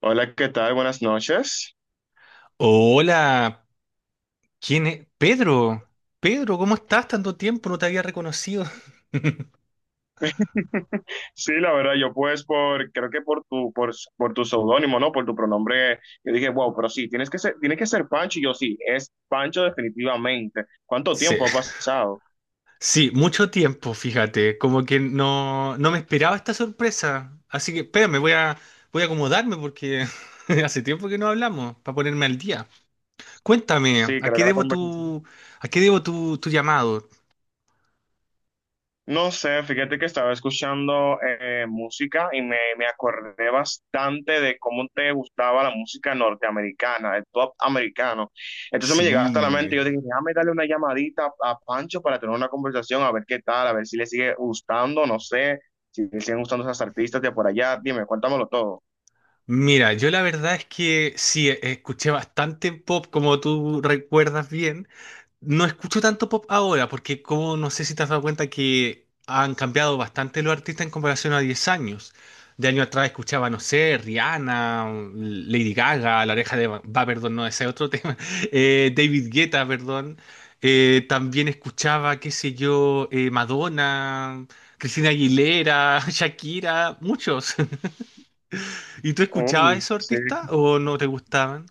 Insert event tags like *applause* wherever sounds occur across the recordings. Hola, ¿qué tal? Buenas noches. Hola, ¿quién es? Pedro, Pedro, ¿cómo estás? Tanto tiempo, no te había reconocido. *laughs* Sí, la verdad, yo pues creo que por tu seudónimo, ¿no? Por tu pronombre, yo dije, wow, pero sí, tienes que ser Pancho, y yo sí, es Pancho definitivamente. ¿Cuánto Sí, tiempo ha pasado? *laughs* sí, mucho tiempo, fíjate, como que no me esperaba esta sorpresa. Así que, espérame, voy a acomodarme porque *laughs* hace tiempo que no hablamos, para ponerme al día. Cuéntame, Sí, ¿a creo qué que la debo conversación. tu, a qué debo tu, tu llamado? No sé, fíjate que estaba escuchando música y me acordé bastante de cómo te gustaba la música norteamericana, el pop americano. Entonces me llegaste a la Sí, mente y yo dije, déjame darle una llamadita a Pancho para tener una conversación, a ver qué tal, a ver si le sigue gustando, no sé, si le siguen gustando esas artistas de por allá. Dime, cuéntamelo todo. mira, yo la verdad es que sí, escuché bastante pop, como tú recuerdas bien. No escucho tanto pop ahora porque como no sé si te has dado cuenta que han cambiado bastante los artistas en comparación a 10 años. De año atrás escuchaba, no sé, Rihanna, Lady Gaga, La Oreja de Va, Va, perdón, no, ese es otro tema. *laughs* David Guetta, perdón. También escuchaba, qué sé yo, Madonna, Cristina Aguilera, *laughs* Shakira, muchos. *laughs* ¿Y tú escuchabas Oh, esos sí. artistas o no te gustaban?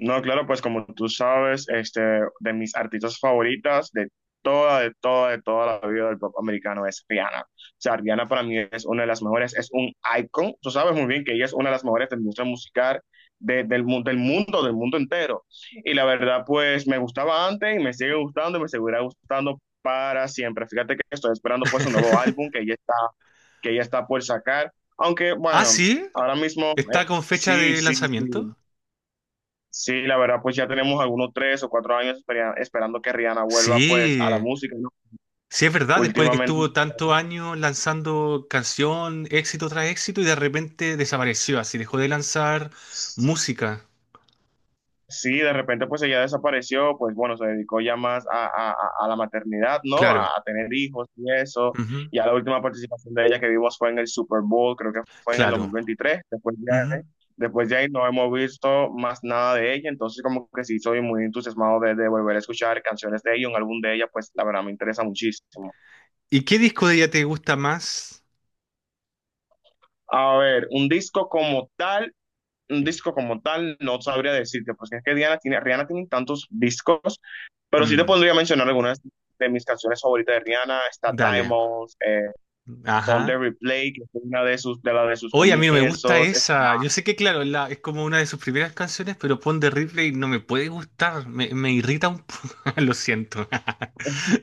No, claro, pues como tú sabes, este, de mis artistas favoritas de toda la vida del pop americano es Rihanna. O sea, Rihanna para mí es una de las mejores, es un icon. Tú sabes muy bien que ella es una de las mejores de la industria musical del mundo entero. Y la verdad, pues me gustaba antes y me sigue gustando y me seguirá gustando para siempre. Fíjate que estoy esperando pues un nuevo álbum *laughs* que ella está por sacar. Aunque, Ah, bueno, sí, ahora mismo, está con fecha sí, de sí, sí. lanzamiento. Sí, la verdad, pues ya tenemos algunos 3 o 4 años esperando que Rihanna vuelva pues a la Sí, música, ¿no? sí es verdad, después de que Últimamente, estuvo tantos años lanzando canción, éxito tras éxito, y de repente desapareció, así dejó de lanzar música. sí, de repente pues ella desapareció, pues bueno, se dedicó ya más a la maternidad, ¿no? A, Claro, a tener hijos y eso. ujú, Ya la última participación de ella que vimos fue en el Super Bowl, creo que fue en el dos mil claro. veintitrés. Después ya, Ujú. después de ahí no hemos visto más nada de ella, entonces como que sí, soy muy entusiasmado de volver a escuchar canciones de ella, un álbum de ella, pues la verdad me interesa muchísimo. ¿Y qué disco de ella te gusta más? A ver, un disco como tal, no sabría decirte, porque es que Rihanna tiene tantos discos, pero sí te Mm, podría mencionar algunas de mis canciones favoritas de Rihanna. Está dale, Diamonds, Pon the ajá. Replay, que es una de sus Oye, a mí no me gusta comienzos, está, esa. Yo sé que, claro, la- es como una de sus primeras canciones, pero Pon de Ripley no me puede gustar, me irrita un poco, *laughs* lo siento. *laughs*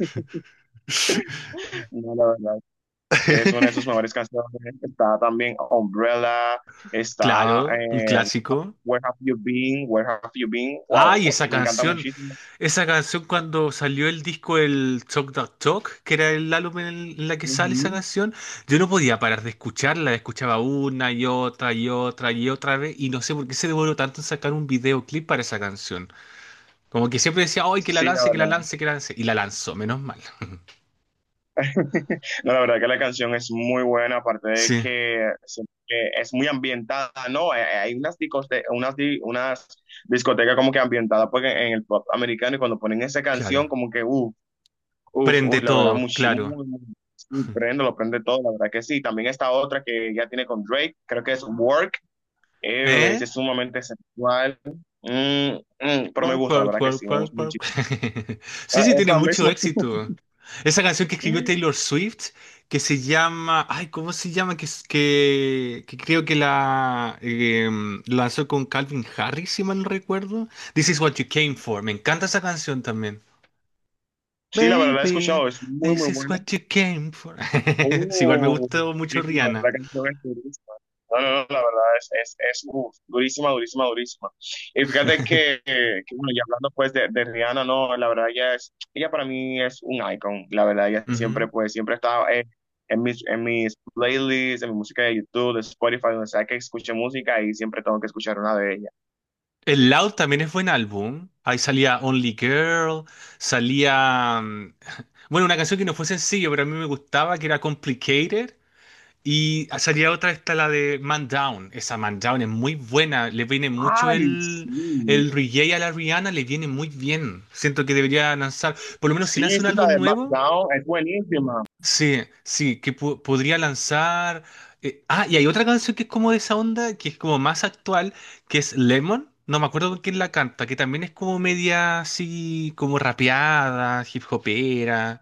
no, la verdad, que es una de sus mejores canciones, está también Umbrella, está Claro, un clásico. Where Have You Been, Where Have You Been, wow, Ay, esa me encanta canción. muchísimo. Esa canción cuando salió el disco el Talk That Talk, que era el álbum en, el- en la que sale esa Ujú. canción, yo no podía parar de escucharla, escuchaba una y otra y otra y otra vez y no sé por qué se demoró tanto en sacar un videoclip para esa canción. Como que siempre decía, ¡ay, que la Sí, la lance, que la verdad. lance, que la lance! Y la lanzó, menos mal. *laughs* No, la verdad que la canción es muy buena, aparte de Sí, que es muy ambientada, ¿no? Hay discos de unas discotecas como que ambientadas pues, en el pop americano, y cuando ponen esa canción claro. como que, uff, uff, Prende uff, la verdad, todo, claro. muy, muy, sí, prende, lo prende todo, la verdad que sí. También esta otra que ya tiene con Drake, creo que es Work, ¿Eh? es sumamente sensual. Pero me Work, gusta, la work, verdad que sí, work, me gusta work, work. muchísimo. *laughs* Ah, Sí, sí, tiene esa mucho misma. éxito. Esa canción que escribió Taylor *laughs* Swift, que se llama. Ay, ¿cómo se llama? Que, que creo que la lanzó con Calvin Harris, si mal no recuerdo. This is what you came for. Me encanta esa canción también. Sí, la verdad la he Baby, escuchado, es muy, this muy is buena. what you came for. *laughs* Sí, igual me Uh, gustó sí, mucho sí, la Rihanna. verdad que esto es durísima. No, no, no, la verdad es uf, durísima, durísima, durísima. Y fíjate *laughs* bueno, ya hablando pues de Rihanna, no, la verdad ella es, ella para mí es un icon, la verdad, ella Ujú. siempre pues, siempre está en mis playlists, en mi música de YouTube, de Spotify, donde sea que escuche música, y siempre tengo que escuchar una de ellas. El Loud también es buen álbum. Ahí salía Only Girl, salía... mm, *laughs* bueno, una canción que no fue sencillo, pero a mí me gustaba, que era Complicated. Y salía otra, esta la de Man Down. Esa Man Down es muy buena. Le viene mucho Ay, sí, el reggae a la Rihanna, le viene muy bien. Siento que debería lanzar, por lo menos si sí, lanza un sí, la álbum de nuevo, SmackDown es buenísima. sí, sí, que podría lanzar. Y hay otra canción que es como de esa onda, que es como más actual, que es Lemon. No me acuerdo con quién la canta, que también es como media así, como rapeada, hip hopera.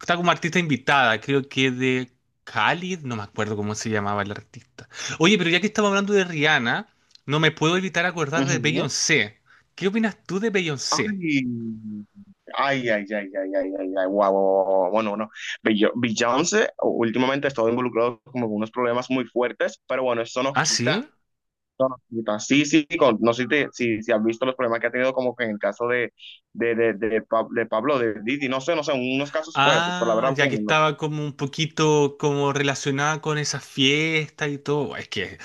Está como artista invitada, creo que de Khalid, no me acuerdo cómo se llamaba el artista. Oye, pero ya que estamos hablando de Rihanna, no me puedo evitar acordar de Ujú. Beyoncé. ¿Qué opinas tú de Beyoncé? Ay, ay, ay, ay, ay, ay, ay, ay, guau, guau, guau. Bueno, bueno, Bill Jones, últimamente ha estado involucrado como con unos problemas muy fuertes, pero bueno, eso nos Ah, quita, sí. eso nos quita. Sí, sí, no sé si has visto los problemas que ha tenido como que en el caso de Pablo, de Didi, no sé, unos casos fuertes, pero la Ah, verdad, ya que bueno, no. estaba como un poquito como relacionada con esa fiesta y todo. Es que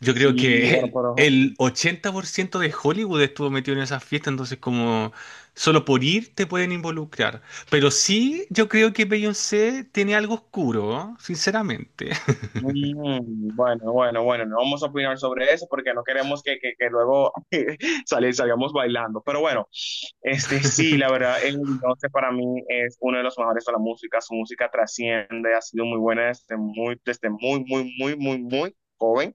yo creo que *laughs* bueno, el, pero el 80% de Hollywood estuvo metido en esa fiesta, entonces como solo por ir te pueden involucrar. Pero sí, yo creo que Beyoncé tiene algo oscuro, ¿no? Sinceramente. Bueno, bueno, bueno, no vamos a opinar sobre eso porque no queremos que luego *laughs* salgamos bailando, pero bueno. Este, sí, la *laughs* verdad, Beyoncé para mí es uno de los mejores de la música. Su música trasciende, ha sido muy buena desde muy, muy, muy, muy, muy joven.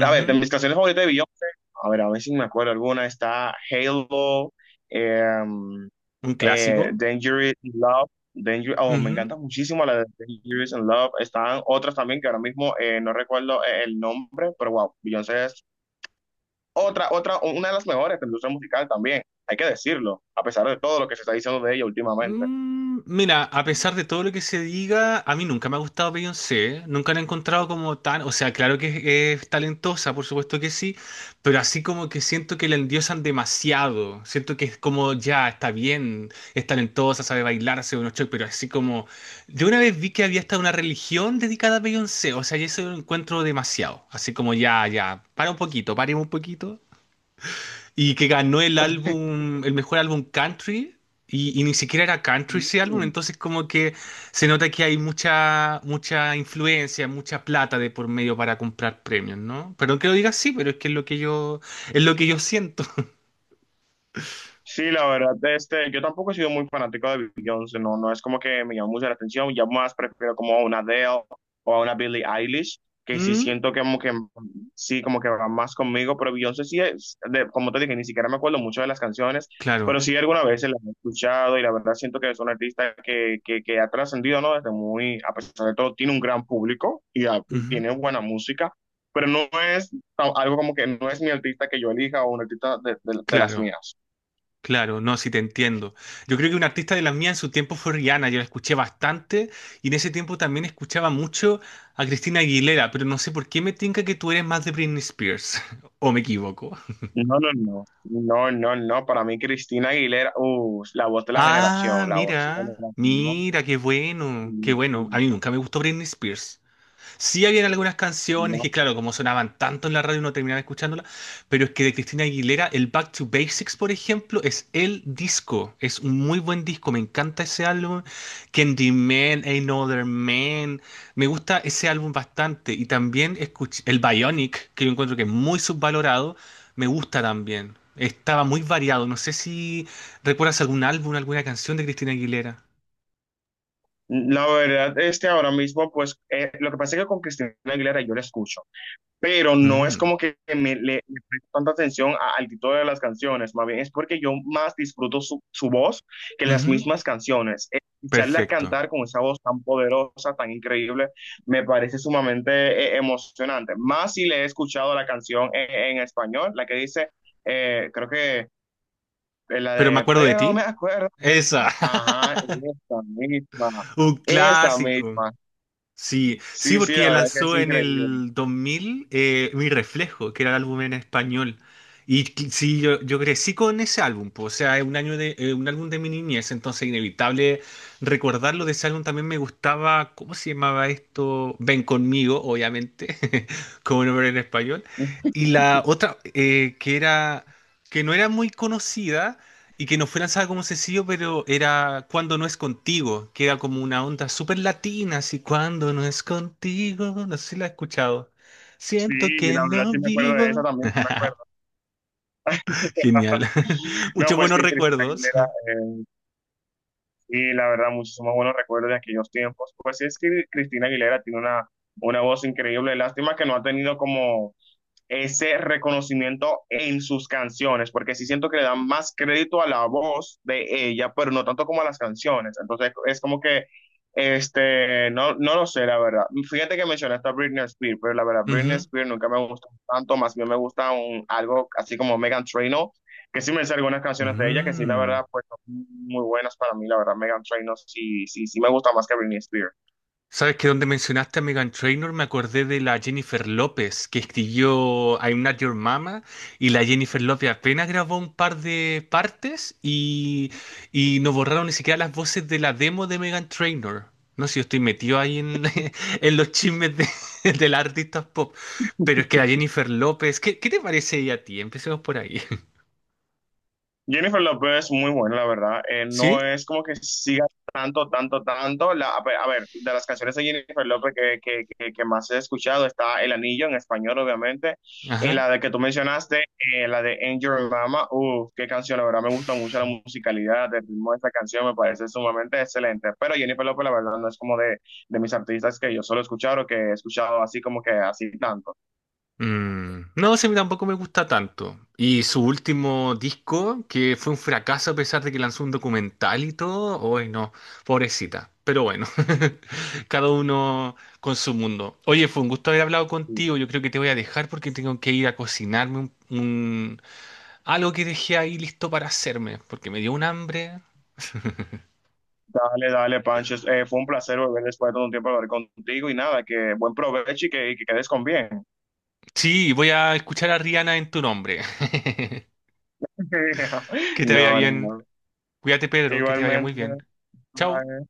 A ver, de mis canciones favoritas de Beyoncé, a ver si me acuerdo alguna, está Halo, em, Un clásico. Dangerous in Love, oh, me encanta muchísimo la de Dangerous in Love. Están otras también que ahora mismo no recuerdo el nombre, pero wow, Beyoncé es una de las mejores de la industria musical también, hay que decirlo, a pesar de todo lo que se está diciendo de ella últimamente. Mira, a pesar de todo lo que se diga, a mí nunca me ha gustado Beyoncé, nunca la he encontrado como tan, o sea, claro que es talentosa, por supuesto que sí, pero así como que siento que la endiosan demasiado, siento que es como ya, está bien, es talentosa, sabe bailar, hace unos shows, pero así como, yo una vez vi que había hasta una religión dedicada a Beyoncé, o sea, y eso lo encuentro demasiado, así como ya, ya, para un poquito, paremos un poquito y que ganó el álbum, el mejor álbum country, y ni siquiera era country ese álbum, entonces como que se nota que hay mucha, mucha influencia, mucha plata de por medio para comprar premios, ¿no? Perdón que lo diga así, pero es que es lo que yo, es lo que yo siento. *laughs* Sí, la verdad, este, yo tampoco he sido muy fanático de Beyoncé, no, no es como que me llama mucho la atención, ya más prefiero como a una Adele o a una Billie Eilish, que sí Mm, siento que como que sí, como que va más conmigo, pero Beyoncé sí es, como te dije, ni siquiera me acuerdo mucho de las canciones, pero claro, sí alguna vez se las he escuchado y la verdad siento que es una artista que ha trascendido, ¿no? Desde muy, a pesar de todo, tiene un gran público y, ah, y ujú, tiene buena música, pero no es algo como que no es mi artista que yo elija o un artista de las claro. mías. Claro, no, sí te entiendo. Yo creo que un artista de la mía en su tiempo fue Rihanna, yo la escuché bastante y en ese tiempo también escuchaba mucho a Cristina Aguilera, pero no sé por qué me tinca que tú eres más de Britney Spears, *laughs* o me equivoco. No, no, no, no, no, no, para mí Cristina Aguilera, la voz de la Ah, generación, la voz de la mira, generación, mira, qué bueno, qué bueno. A mí nunca me gustó Britney Spears. Sí habían algunas no, canciones que, no. claro, como sonaban tanto en la radio, uno terminaba escuchándolas, pero es que de Cristina Aguilera, el Back to Basics, por ejemplo, es el disco, es un muy buen disco, me encanta ese álbum, Candyman, Ain't No Other Man, me gusta ese álbum bastante, y también escuché el Bionic, que yo encuentro que es muy subvalorado, me gusta también, estaba muy variado, no sé si recuerdas algún álbum, alguna canción de Cristina Aguilera. La verdad, este ahora mismo, pues, lo que pasa es que con Cristina Aguilera yo la escucho, pero no es Mm, como que le presto tanta atención al título de las canciones, más bien es porque yo más disfruto su voz que las ujú, mismas canciones. Escucharla perfecto, cantar con esa voz tan poderosa, tan increíble, me parece sumamente emocionante. Más si le he escuchado la canción en español, la que dice, creo que pero me acuerdo de pero me ti. acuerdo de Esa. ti. Ajá, *laughs* esta misma, Un esta clásico. misma. Sí, sí, Sí, sí, porque la ella verdad que es lanzó en increíble. el 2000 Mi Reflejo, que era el álbum en español. Y cl- sí, yo crecí con ese álbum, po, o sea, es un año de, un álbum de mi niñez, entonces inevitable recordarlo de ese álbum. También me gustaba, ¿cómo se llamaba esto? Ven conmigo, obviamente, *laughs* como nombre en español. Y la otra, que era, que no era muy conocida, y que no fue lanzada como sencillo, pero era Cuando no es contigo, que era como una onda súper latina, así Cuando no es contigo, no sé si la has escuchado. Sí, Siento y que la verdad no sí me acuerdo de esa vivo. también, sí me acuerdo. *laughs* Genial. *laughs* No, Muchos pues buenos sí, Cristina recuerdos. Aguilera, sí, la verdad, muchísimos buenos recuerdos de aquellos tiempos. Pues sí, es que Cristina Aguilera tiene una voz increíble, lástima que no ha tenido como ese reconocimiento en sus canciones, porque sí siento que le dan más crédito a la voz de ella, pero no tanto como a las canciones. Entonces es como que, este, no, no lo sé, la verdad. Fíjate que mencionaste a Britney Spears, pero la verdad, Britney Ujú. Spears nunca me gustó tanto, más bien me gusta algo así como Megan Trainor, que sí me sé algunas canciones de ella, que sí, la Mm. verdad, pues son muy buenas para mí, la verdad, Megan Trainor sí, sí, sí me gusta más que Britney Spears. Sabes que donde mencionaste a Meghan Trainor me acordé de la Jennifer López que escribió I'm Not Your Mama y la Jennifer López apenas grabó un par de partes y no borraron ni siquiera las voces de la demo de Meghan Trainor. No sé si yo estoy metido ahí en, *laughs* en los chismes de, *laughs* de las artistas pop, pero es que la Jennifer López, ¿qué te parece ella a ti? Empecemos por ahí. Jennifer López es muy buena, la verdad. Eh, *laughs* no ¿Sí? es como que siga tanto, tanto, tanto. A ver, a ver, de las canciones de Jennifer López que más he escuchado está El Anillo en español, obviamente. Y la de que tú mencionaste, la de Angel Mama, uff, qué canción, la verdad me gusta mucho la musicalidad, el ritmo de esta canción me parece sumamente excelente. Pero Jennifer López, la verdad, no es como de mis artistas que yo solo he escuchado o que he escuchado así como que así tanto. No, sí, a tampoco me gusta tanto. Y su último disco, que fue un fracaso a pesar de que lanzó un documental y todo, hoy no, pobrecita. Pero bueno, *laughs* cada uno con su mundo. Oye, fue un gusto haber hablado contigo. Yo creo que te voy a dejar porque tengo que ir a cocinarme algo que dejé ahí listo para hacerme, porque me dio un hambre. Dale, dale, Pancho. Fue un placer volver después de todo un tiempo a hablar contigo y nada, que buen provecho y y que quedes con bien. Sí, voy a escuchar a Rihanna en tu nombre. *laughs* *laughs* Que te vaya No, no, bien. no. Cuídate, Pedro, que te vaya muy Igualmente. bien. Chao. Bye.